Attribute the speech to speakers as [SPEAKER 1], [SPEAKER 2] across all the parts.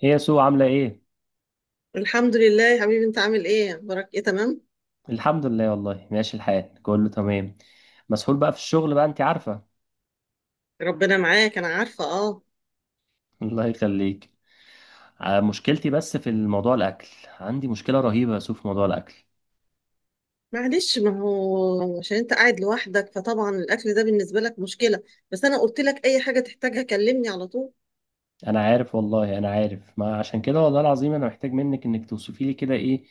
[SPEAKER 1] هي يا سو عاملة ايه؟
[SPEAKER 2] الحمد لله يا حبيبي، انت عامل ايه؟ اخبارك ايه؟ تمام.
[SPEAKER 1] الحمد لله والله، ماشي الحال كله تمام. مسحول بقى في الشغل بقى، انت عارفة.
[SPEAKER 2] ربنا معاك، انا عارفه، اه.
[SPEAKER 1] الله يخليك. مشكلتي بس في الموضوع الأكل. عندي مشكلة رهيبة يا سو في موضوع الأكل.
[SPEAKER 2] معلش، ما هو عشان انت قاعد لوحدك فطبعا الاكل ده بالنسبه لك مشكله. بس انا قلت لك اي حاجه تحتاجها كلمني على طول.
[SPEAKER 1] أنا عارف والله، أنا عارف، ما عشان كده والله العظيم أنا محتاج منك إنك توصفي لي كده ايه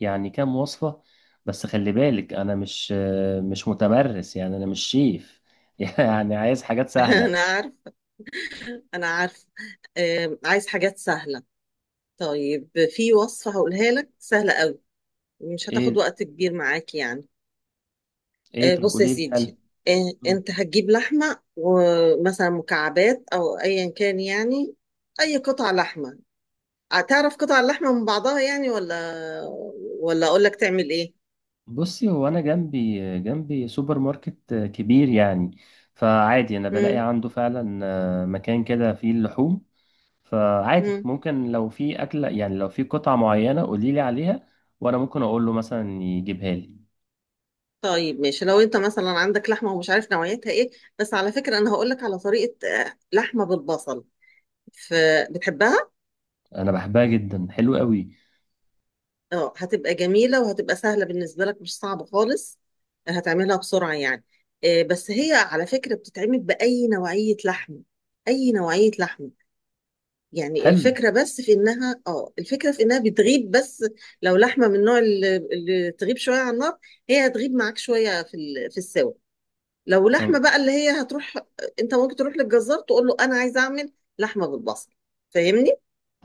[SPEAKER 1] يعني، كام وصفة. بس خلي بالك أنا مش متمرس، يعني أنا مش شيف. يعني عايز حاجات سهلة.
[SPEAKER 2] انا عارف. انا عارف. آه، عايز حاجات سهله. طيب، في وصفه هقولها لك سهله قوي، مش هتاخد
[SPEAKER 1] ايه.
[SPEAKER 2] وقت كبير معاك يعني.
[SPEAKER 1] ايه،
[SPEAKER 2] آه،
[SPEAKER 1] طب
[SPEAKER 2] بص يا
[SPEAKER 1] قولي لي حل.
[SPEAKER 2] سيدي. انت هتجيب لحمه ومثلا مكعبات او ايا كان يعني، اي قطع لحمه. هتعرف قطع اللحمة من بعضها يعني، ولا ولا اقول لك تعمل ايه؟
[SPEAKER 1] بصي، هو انا جنبي جنبي سوبر ماركت كبير يعني، فعادي انا بلاقي
[SPEAKER 2] مم.
[SPEAKER 1] عنده فعلا مكان كده فيه اللحوم. فعادي
[SPEAKER 2] مم.
[SPEAKER 1] ممكن لو في اكله، يعني لو في قطعه معينه قولي لي عليها، وانا ممكن اقول له مثلا يجيبها لي.
[SPEAKER 2] طيب ماشي، لو انت مثلا عندك لحمة ومش عارف نوعيتها ايه، بس على فكرة انا هقول لك على طريقة لحمة بالبصل. فبتحبها؟
[SPEAKER 1] انا بحبها جدا، حلو قوي.
[SPEAKER 2] اه، هتبقى جميلة وهتبقى سهلة بالنسبة لك، مش صعبة خالص. هتعملها بسرعة يعني. بس هي على فكرة بتتعمل بأي نوعية لحم، أي نوعية لحم. يعني
[SPEAKER 1] حلو.
[SPEAKER 2] الفكرة بس في إنها الفكرة في إنها بتغيب بس. لو لحمة من النوع اللي تغيب شوية على النار، هي هتغيب معاك شوية في ال- في السوا. لو لحمة
[SPEAKER 1] طب،
[SPEAKER 2] بقى اللي هي هتروح، أنت ممكن تروح للجزار تقول له أنا عايزة أعمل لحمة بالبصل. فاهمني؟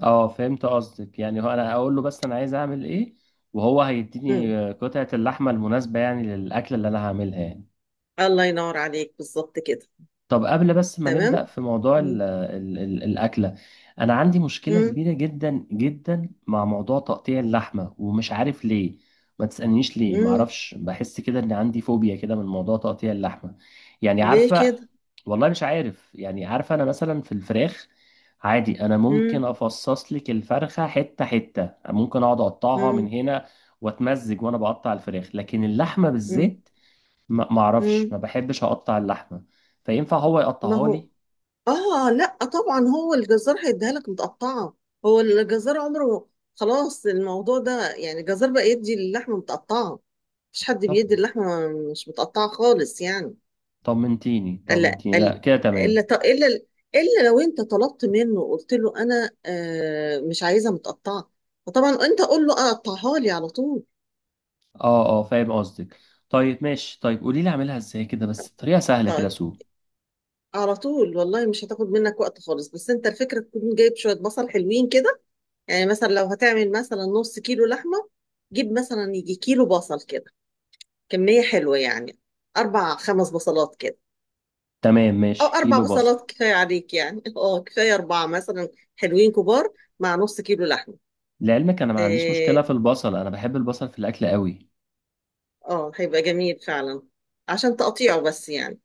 [SPEAKER 1] اه فهمت قصدك، يعني هو انا اقول له بس انا عايز اعمل ايه، وهو
[SPEAKER 2] مم.
[SPEAKER 1] هيديني قطعه اللحمه المناسبه يعني للاكله اللي انا هعملها يعني.
[SPEAKER 2] الله ينور عليك، بالظبط كده.
[SPEAKER 1] طب قبل بس ما
[SPEAKER 2] تمام؟
[SPEAKER 1] نبدأ في موضوع ال
[SPEAKER 2] مم.
[SPEAKER 1] ال ال الأكلة، أنا عندي مشكلة
[SPEAKER 2] مم.
[SPEAKER 1] كبيرة جدا جدا مع موضوع تقطيع اللحمة ومش عارف ليه. ما تسألنيش ليه،
[SPEAKER 2] مم.
[SPEAKER 1] معرفش، بحس كده إن عندي فوبيا كده من موضوع تقطيع اللحمة، يعني
[SPEAKER 2] ليه
[SPEAKER 1] عارفة.
[SPEAKER 2] كده؟
[SPEAKER 1] والله مش عارف، يعني عارفة، أنا مثلا في الفراخ عادي أنا ممكن
[SPEAKER 2] مم.
[SPEAKER 1] أفصص لك الفرخة حتة حتة، ممكن أقعد أقطعها من
[SPEAKER 2] مم.
[SPEAKER 1] هنا وأتمزج وأنا بقطع الفراخ، لكن اللحمة
[SPEAKER 2] مم.
[SPEAKER 1] بالذات ما اعرفش،
[SPEAKER 2] مم.
[SPEAKER 1] ما بحبش اقطع اللحمه، فينفع هو
[SPEAKER 2] ما
[SPEAKER 1] يقطعها
[SPEAKER 2] هو،
[SPEAKER 1] لي؟
[SPEAKER 2] اه لا طبعا هو الجزار هيديها لك متقطعه. هو الجزار عمره، خلاص الموضوع ده يعني، الجزار بقى يدي اللحمه متقطعه. مفيش حد
[SPEAKER 1] طب،
[SPEAKER 2] بيدي اللحمه مش متقطعه خالص يعني.
[SPEAKER 1] طمنتيني
[SPEAKER 2] الا
[SPEAKER 1] طمنتيني، لا
[SPEAKER 2] الا
[SPEAKER 1] كده تمام.
[SPEAKER 2] الا الا, إلا لو انت طلبت منه قلت له انا مش عايزها متقطعه. فطبعا انت قول له اقطعها لي على طول.
[SPEAKER 1] اه اه، فاهم قصدك. طيب ماشي، طيب قولي لي اعملها ازاي كده، بس بطريقه سهله كده
[SPEAKER 2] طيب،
[SPEAKER 1] سو.
[SPEAKER 2] على طول والله مش هتاخد منك وقت خالص، بس انت الفكره تكون جايب شويه بصل حلوين كده. يعني مثلا لو هتعمل مثلا نص كيلو لحمة، جيب مثلا يجي كيلو بصل كده، كمية حلوة يعني، أربع خمس بصلات كده،
[SPEAKER 1] تمام
[SPEAKER 2] أو
[SPEAKER 1] ماشي،
[SPEAKER 2] أربع
[SPEAKER 1] كيلو بصل.
[SPEAKER 2] بصلات كفاية عليك يعني. أه كفاية أربعة مثلا، حلوين كبار، مع نص كيلو لحمة.
[SPEAKER 1] لعلمك انا ما عنديش
[SPEAKER 2] آه.
[SPEAKER 1] مشكله في البصل، انا بحب البصل في الاكل قوي.
[SPEAKER 2] هيبقى جميل فعلا. عشان تقطيعه بس يعني،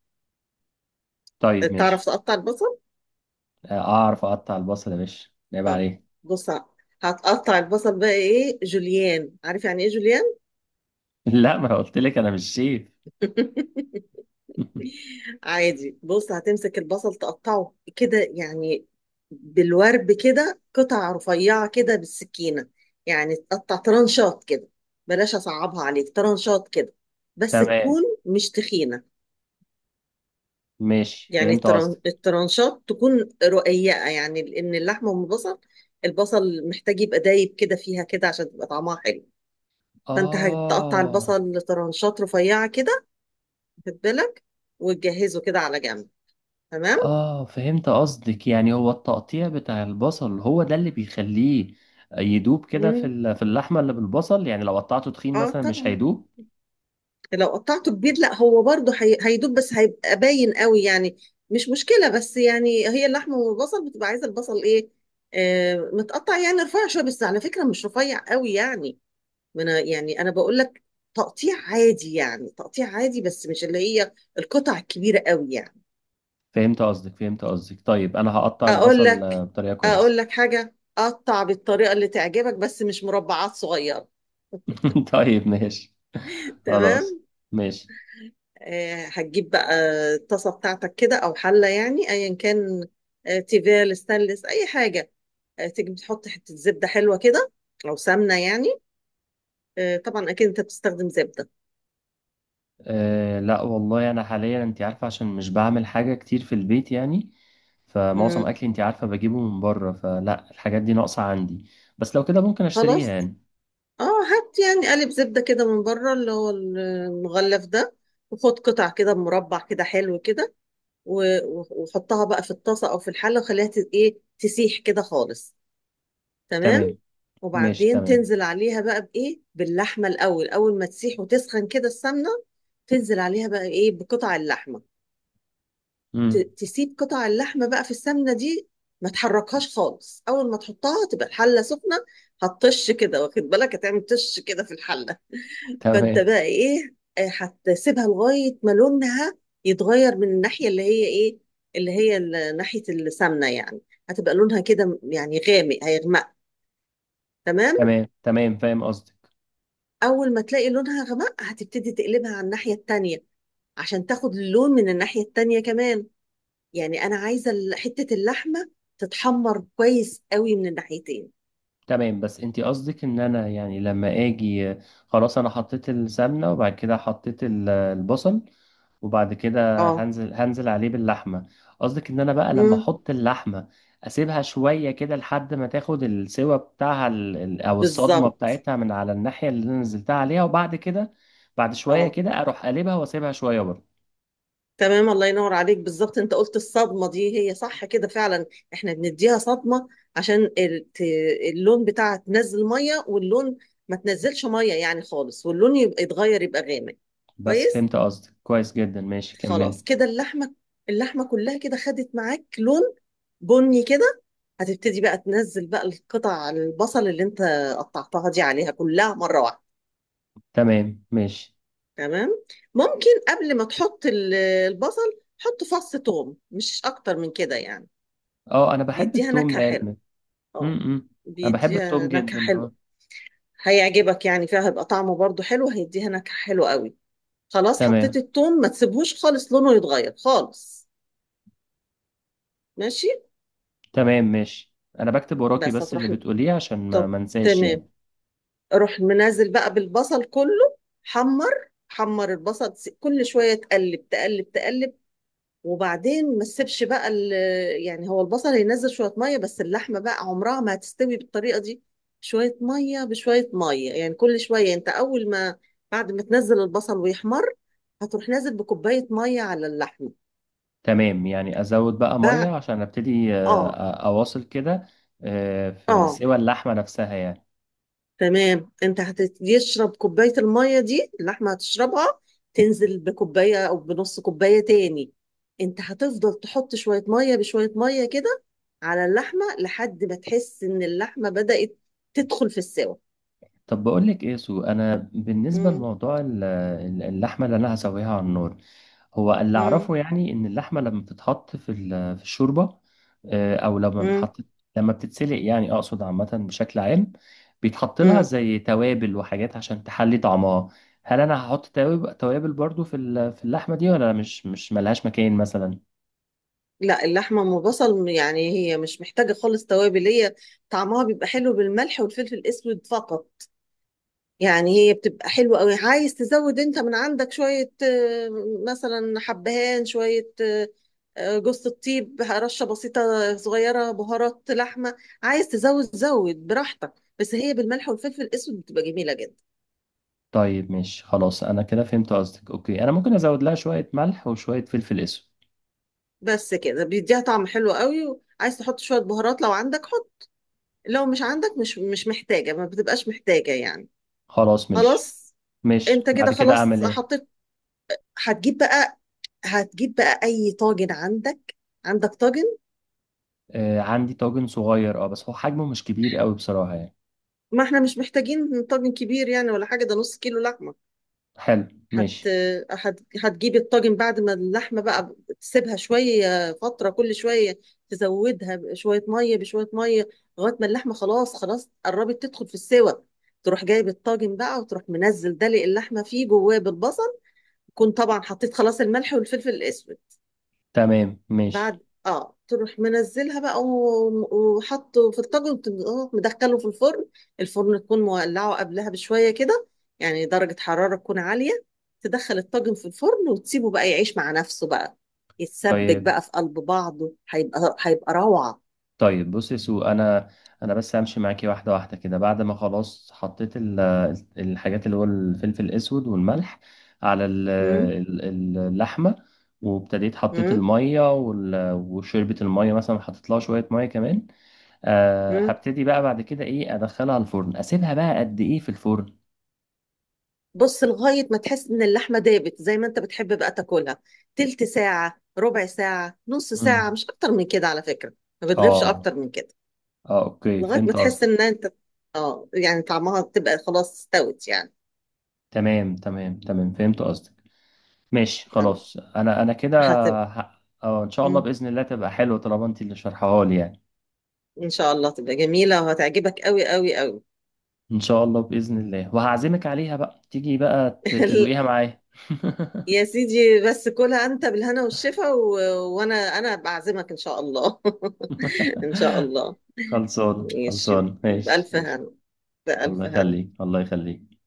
[SPEAKER 1] طيب
[SPEAKER 2] تعرف
[SPEAKER 1] ماشي،
[SPEAKER 2] تقطع البصل؟
[SPEAKER 1] اعرف اقطع البصل يا باشا، عيب
[SPEAKER 2] طب
[SPEAKER 1] عليه.
[SPEAKER 2] بص، هتقطع البصل بقى إيه جوليان. عارف يعني إيه جوليان؟
[SPEAKER 1] لا، ما قلت لك انا مش شيف.
[SPEAKER 2] عادي بص، هتمسك البصل تقطعه كده يعني، بالورب كده قطع رفيعة كده بالسكينة. يعني تقطع طرنشات كده، بلاش أصعبها عليك طرنشات كده، بس
[SPEAKER 1] تمام
[SPEAKER 2] تكون مش تخينة.
[SPEAKER 1] ماشي،
[SPEAKER 2] يعني
[SPEAKER 1] فهمت قصدك.
[SPEAKER 2] الطرنشات تكون رقيقة، يعني لأن اللحمة والبصل، البصل محتاج يبقى دايب كده فيها كده عشان تبقى طعمها حلو. فأنت هتقطع
[SPEAKER 1] اه
[SPEAKER 2] البصل لطرنشات رفيعة كده، خد بالك، وتجهزه كده على جنب. تمام؟
[SPEAKER 1] اه، فهمت قصدك، يعني هو التقطيع بتاع البصل هو ده اللي بيخليه يدوب كده في
[SPEAKER 2] مم.
[SPEAKER 1] ال- في اللحمة اللي بالبصل، يعني لو قطعته تخين
[SPEAKER 2] اه
[SPEAKER 1] مثلا مش
[SPEAKER 2] طبعا.
[SPEAKER 1] هيدوب.
[SPEAKER 2] لو قطعته كبير لا، هو برضه هي هيدوب بس هيبقى باين قوي يعني. مش مشكله، بس يعني هي اللحمه والبصل بتبقى عايزه البصل ايه، متقطع يعني رفيع شويه، بس على فكره مش رفيع قوي يعني. ما انا يعني انا بقول لك تقطيع عادي، يعني تقطيع عادي بس مش اللي هي القطع الكبيره قوي يعني.
[SPEAKER 1] فهمت قصدك. طيب انا هقطع
[SPEAKER 2] اقول
[SPEAKER 1] البصل
[SPEAKER 2] لك،
[SPEAKER 1] بطريقة كويسة.
[SPEAKER 2] اقول لك حاجه، قطع بالطريقه اللي تعجبك بس مش مربعات صغيره.
[SPEAKER 1] طيب ماشي. خلاص
[SPEAKER 2] تمام.
[SPEAKER 1] ماشي.
[SPEAKER 2] هتجيب بقى الطاسة بتاعتك كده أو حلة يعني، أيا كان. تيفال، ستانلس، أي حاجة. تيجي تحط حتة زبدة حلوة كده، أو سمنة يعني. طبعا أكيد أنت بتستخدم زبدة.
[SPEAKER 1] أه، لا والله، انا حاليا انت عارفة عشان مش بعمل حاجة كتير في البيت يعني، فمعظم
[SPEAKER 2] مم.
[SPEAKER 1] اكلي انت عارفة بجيبه من بره، فلا الحاجات دي ناقصة عندي، بس لو كده ممكن اشتريها
[SPEAKER 2] خلاص،
[SPEAKER 1] يعني.
[SPEAKER 2] اه هات يعني قالب زبدة كده من بره اللي هو المغلف ده، وخد قطع كده مربع كده حلو كده، وحطها بقى في الطاسة أو في الحلة وخليها ت- إيه تسيح كده خالص. تمام.
[SPEAKER 1] تمام ماشي.
[SPEAKER 2] وبعدين
[SPEAKER 1] تمام.
[SPEAKER 2] تنزل عليها بقى بايه باللحمه الاول، اول ما تسيح وتسخن كده السمنه، تنزل عليها بقى ايه بقطع اللحمه.
[SPEAKER 1] مم.
[SPEAKER 2] تسيب قطع اللحمه بقى في السمنه دي، ما تحركهاش خالص. اول ما تحطها تبقى الحله سخنه، هتطش كده، واخد بالك، هتعمل طش كده في الحله. فانت
[SPEAKER 1] تمام
[SPEAKER 2] بقى ايه، هتسيبها لغايه ما لونها يتغير من الناحيه اللي هي ايه، اللي هي ال- ناحيه السمنه يعني. هتبقى لونها كده يعني غامق، هيغمق. تمام.
[SPEAKER 1] تمام تمام، فاهم قصدك.
[SPEAKER 2] اول ما تلاقي لونها غمق، هتبتدي تقلبها على الناحية التانية عشان تاخد اللون من الناحية التانية كمان. يعني انا عايزة ال- حتة اللحمة تتحمر كويس قوي من الناحيتين.
[SPEAKER 1] تمام، بس انت قصدك ان انا يعني لما اجي، خلاص انا حطيت السمنه وبعد كده حطيت البصل، وبعد كده
[SPEAKER 2] اه.
[SPEAKER 1] هنزل عليه باللحمه. قصدك ان انا بقى لما
[SPEAKER 2] مم.
[SPEAKER 1] احط اللحمه، اسيبها شويه كده لحد ما تاخد السوا بتاعها، او الصدمه
[SPEAKER 2] بالظبط.
[SPEAKER 1] بتاعتها من على الناحيه اللي انا نزلتها عليها، وبعد كده بعد شويه
[SPEAKER 2] اه
[SPEAKER 1] كده اروح قلبها واسيبها شويه برضه.
[SPEAKER 2] تمام، الله ينور عليك، بالظبط. انت قلت الصدمة، دي هي صح كده فعلا. احنا بنديها صدمة عشان ال- ت- اللون بتاعها تنزل مية، واللون ما تنزلش مية يعني خالص، واللون يبقى يتغير يبقى غامق.
[SPEAKER 1] بس
[SPEAKER 2] كويس.
[SPEAKER 1] فهمت قصدك كويس جدا، ماشي كمل.
[SPEAKER 2] خلاص كده اللحمه، اللحمه كلها كده خدت معاك لون بني كده. هتبتدي بقى تنزل بقى القطع البصل اللي انت قطعتها دي عليها كلها مره واحده.
[SPEAKER 1] تمام ماشي.
[SPEAKER 2] تمام. ممكن قبل ما تحط ال- البصل، حط فص ثوم، مش اكتر من كده يعني.
[SPEAKER 1] اه، انا بحب
[SPEAKER 2] بيديها
[SPEAKER 1] التوم
[SPEAKER 2] نكهه حلوه.
[SPEAKER 1] لان. امم،
[SPEAKER 2] اه،
[SPEAKER 1] انا بحب التوم
[SPEAKER 2] بيديها نكهه
[SPEAKER 1] جدا، اه.
[SPEAKER 2] حلوه، هيعجبك يعني فيها، هيبقى طعمه برضو حلو، هيديها نكهه حلوه قوي. خلاص
[SPEAKER 1] تمام
[SPEAKER 2] حطيت الثوم ما تسيبهوش خالص لونه يتغير خالص. ماشي.
[SPEAKER 1] تمام ماشي، انا بكتب وراكي
[SPEAKER 2] بس
[SPEAKER 1] بس اللي
[SPEAKER 2] هتروح.
[SPEAKER 1] بتقوليه عشان ما
[SPEAKER 2] طب،
[SPEAKER 1] ما انساش
[SPEAKER 2] تمام.
[SPEAKER 1] يعني.
[SPEAKER 2] اروح منزل بقى بالبصل كله. حمر حمر البصل، كل شويه تقلب تقلب تقلب. وبعدين ما تسيبش بقى ال- يعني هو البصل هينزل شويه ميه، بس اللحمه بقى عمرها ما هتستوي بالطريقه دي. شويه ميه بشويه ميه، يعني كل شويه يعني. انت اول ما بعد ما تنزل البصل ويحمر، هتروح نازل بكوبايه ميه على اللحمه
[SPEAKER 1] تمام، يعني ازود بقى ميه
[SPEAKER 2] بقى.
[SPEAKER 1] عشان ابتدي،
[SPEAKER 2] اه.
[SPEAKER 1] اواصل كده في
[SPEAKER 2] اه
[SPEAKER 1] سوى اللحمه نفسها يعني.
[SPEAKER 2] تمام، انت هتشرب كوباية المية دي اللحمة هتشربها. تنزل بكوباية او بنص كوباية تاني. انت هتفضل تحط شوية مية بشوية مية كده على اللحمة لحد ما تحس ان اللحمة بدأت تدخل في السوا.
[SPEAKER 1] طب بقول لك ايه يا سو، انا بالنسبه
[SPEAKER 2] مم.
[SPEAKER 1] لموضوع اللحمه اللي انا هسويها على النار، هو اللي
[SPEAKER 2] مم.
[SPEAKER 1] اعرفه يعني ان اللحمه لما بتتحط في الشوربه، او لما
[SPEAKER 2] مم.
[SPEAKER 1] بتحط، لما بتتسلق يعني، اقصد عامه بشكل عام، بيتحط لها
[SPEAKER 2] مم.
[SPEAKER 1] زي توابل وحاجات عشان تحلي طعمها. هل انا هحط توابل برضو في اللحمه دي، ولا مش ملهاش مكان مثلا؟
[SPEAKER 2] لا، اللحمة ام بصل يعني هي مش محتاجة خالص توابل. هي طعمها بيبقى حلو بالملح والفلفل الاسود فقط، يعني هي بتبقى حلوة قوي. عايز تزود انت من عندك شوية مثلا حبهان، شوية جوز الطيب رشة بسيطة صغيرة، بهارات لحمة، عايز تزود زود براحتك. بس هي بالملح والفلفل الاسود بتبقى جميلة جدا.
[SPEAKER 1] طيب ماشي خلاص، انا كده فهمت قصدك، اوكي انا ممكن ازود لها شويه ملح وشويه فلفل اسود.
[SPEAKER 2] بس كده بيديها طعم حلو قوي. عايز تحط شوية بهارات لو عندك حط، لو مش عندك مش محتاجة، ما بتبقاش محتاجة يعني.
[SPEAKER 1] خلاص ماشي.
[SPEAKER 2] خلاص.
[SPEAKER 1] ماشي،
[SPEAKER 2] انت كده
[SPEAKER 1] بعد كده
[SPEAKER 2] خلاص
[SPEAKER 1] اعمل ايه؟
[SPEAKER 2] حطيت. هتجيب بقى، هتجيب بقى اي طاجن عندك. عندك طاجن؟
[SPEAKER 1] آه، عندي طاجن صغير، اه بس هو حجمه مش كبير قوي بصراحه يعني.
[SPEAKER 2] ما احنا مش محتاجين طاجن كبير يعني ولا حاجة، ده نص كيلو لحمة.
[SPEAKER 1] حلو
[SPEAKER 2] هت...
[SPEAKER 1] ماشي.
[SPEAKER 2] هتجيبي الطاجن بعد ما اللحمة بقى تسيبها شوية فترة، كل شوية تزودها بشوية مية بشوية مية، لغاية ما اللحمة خلاص خلاص قربت تدخل في السوى. تروح جايب الطاجن بقى، وتروح منزل دلق اللحمة فيه جواه بالبصل. تكون طبعا حطيت خلاص الملح والفلفل الأسود.
[SPEAKER 1] تمام ماشي.
[SPEAKER 2] بعد اه تروح منزلها بقى و- وحطه في الطاجن وتم- آه، مدخله في الفرن. الفرن تكون مولعه قبلها بشويه كده، يعني درجه حراره تكون عاليه. تدخل الطاجن في الفرن وتسيبه بقى يعيش مع نفسه بقى، يتسبك
[SPEAKER 1] طيب
[SPEAKER 2] بقى في قلب بعضه، هيبقى روعه.
[SPEAKER 1] طيب، بص يا سو، انا بس همشي معاكي واحده واحده كده، بعد ما خلاص حطيت الحاجات اللي هو الفلفل الاسود والملح على
[SPEAKER 2] مم،
[SPEAKER 1] اللحمه، وابتديت حطيت
[SPEAKER 2] مم،
[SPEAKER 1] الميه وشربت الميه، مثلا حطيت لها شويه ميه كمان. أه،
[SPEAKER 2] مم.
[SPEAKER 1] هبتدي بقى بعد كده ايه، ادخلها الفرن، اسيبها بقى قد ايه في الفرن؟
[SPEAKER 2] بص لغايه ما تحس ان اللحمه دابت زي ما انت بتحب بقى تاكلها. تلت ساعه، ربع ساعه، نص ساعه،
[SPEAKER 1] امم.
[SPEAKER 2] مش اكتر من كده على فكره. ما بتغيبش
[SPEAKER 1] اه
[SPEAKER 2] اكتر من كده.
[SPEAKER 1] اه، اوكي
[SPEAKER 2] لغاية ما
[SPEAKER 1] فهمت
[SPEAKER 2] تحس
[SPEAKER 1] قصدك.
[SPEAKER 2] ان انت اه يعني طعمها تبقى خلاص استوت يعني.
[SPEAKER 1] تمام تمام تمام، فهمت قصدك. ماشي
[SPEAKER 2] يعني
[SPEAKER 1] خلاص، انا كده،
[SPEAKER 2] هتبقى.
[SPEAKER 1] اه، ان شاء الله
[SPEAKER 2] مم.
[SPEAKER 1] باذن الله تبقى حلوه طالما انت اللي شارحاها لي يعني.
[SPEAKER 2] ان شاء الله تبقى جميلة وهتعجبك قوي قوي قوي.
[SPEAKER 1] ان شاء الله باذن الله، وهعزمك عليها بقى تيجي بقى تدوقيها معايا.
[SPEAKER 2] يا سيدي، بس كلها انت بالهنا والشفا، و... وانا انا بعزمك ان شاء الله. ان شاء الله.
[SPEAKER 1] خلصان
[SPEAKER 2] ماشي،
[SPEAKER 1] خلصان، ماشي
[SPEAKER 2] بألف
[SPEAKER 1] ماشي.
[SPEAKER 2] هنا،
[SPEAKER 1] الله
[SPEAKER 2] بألف هنا.
[SPEAKER 1] يخليك، الله يخليك.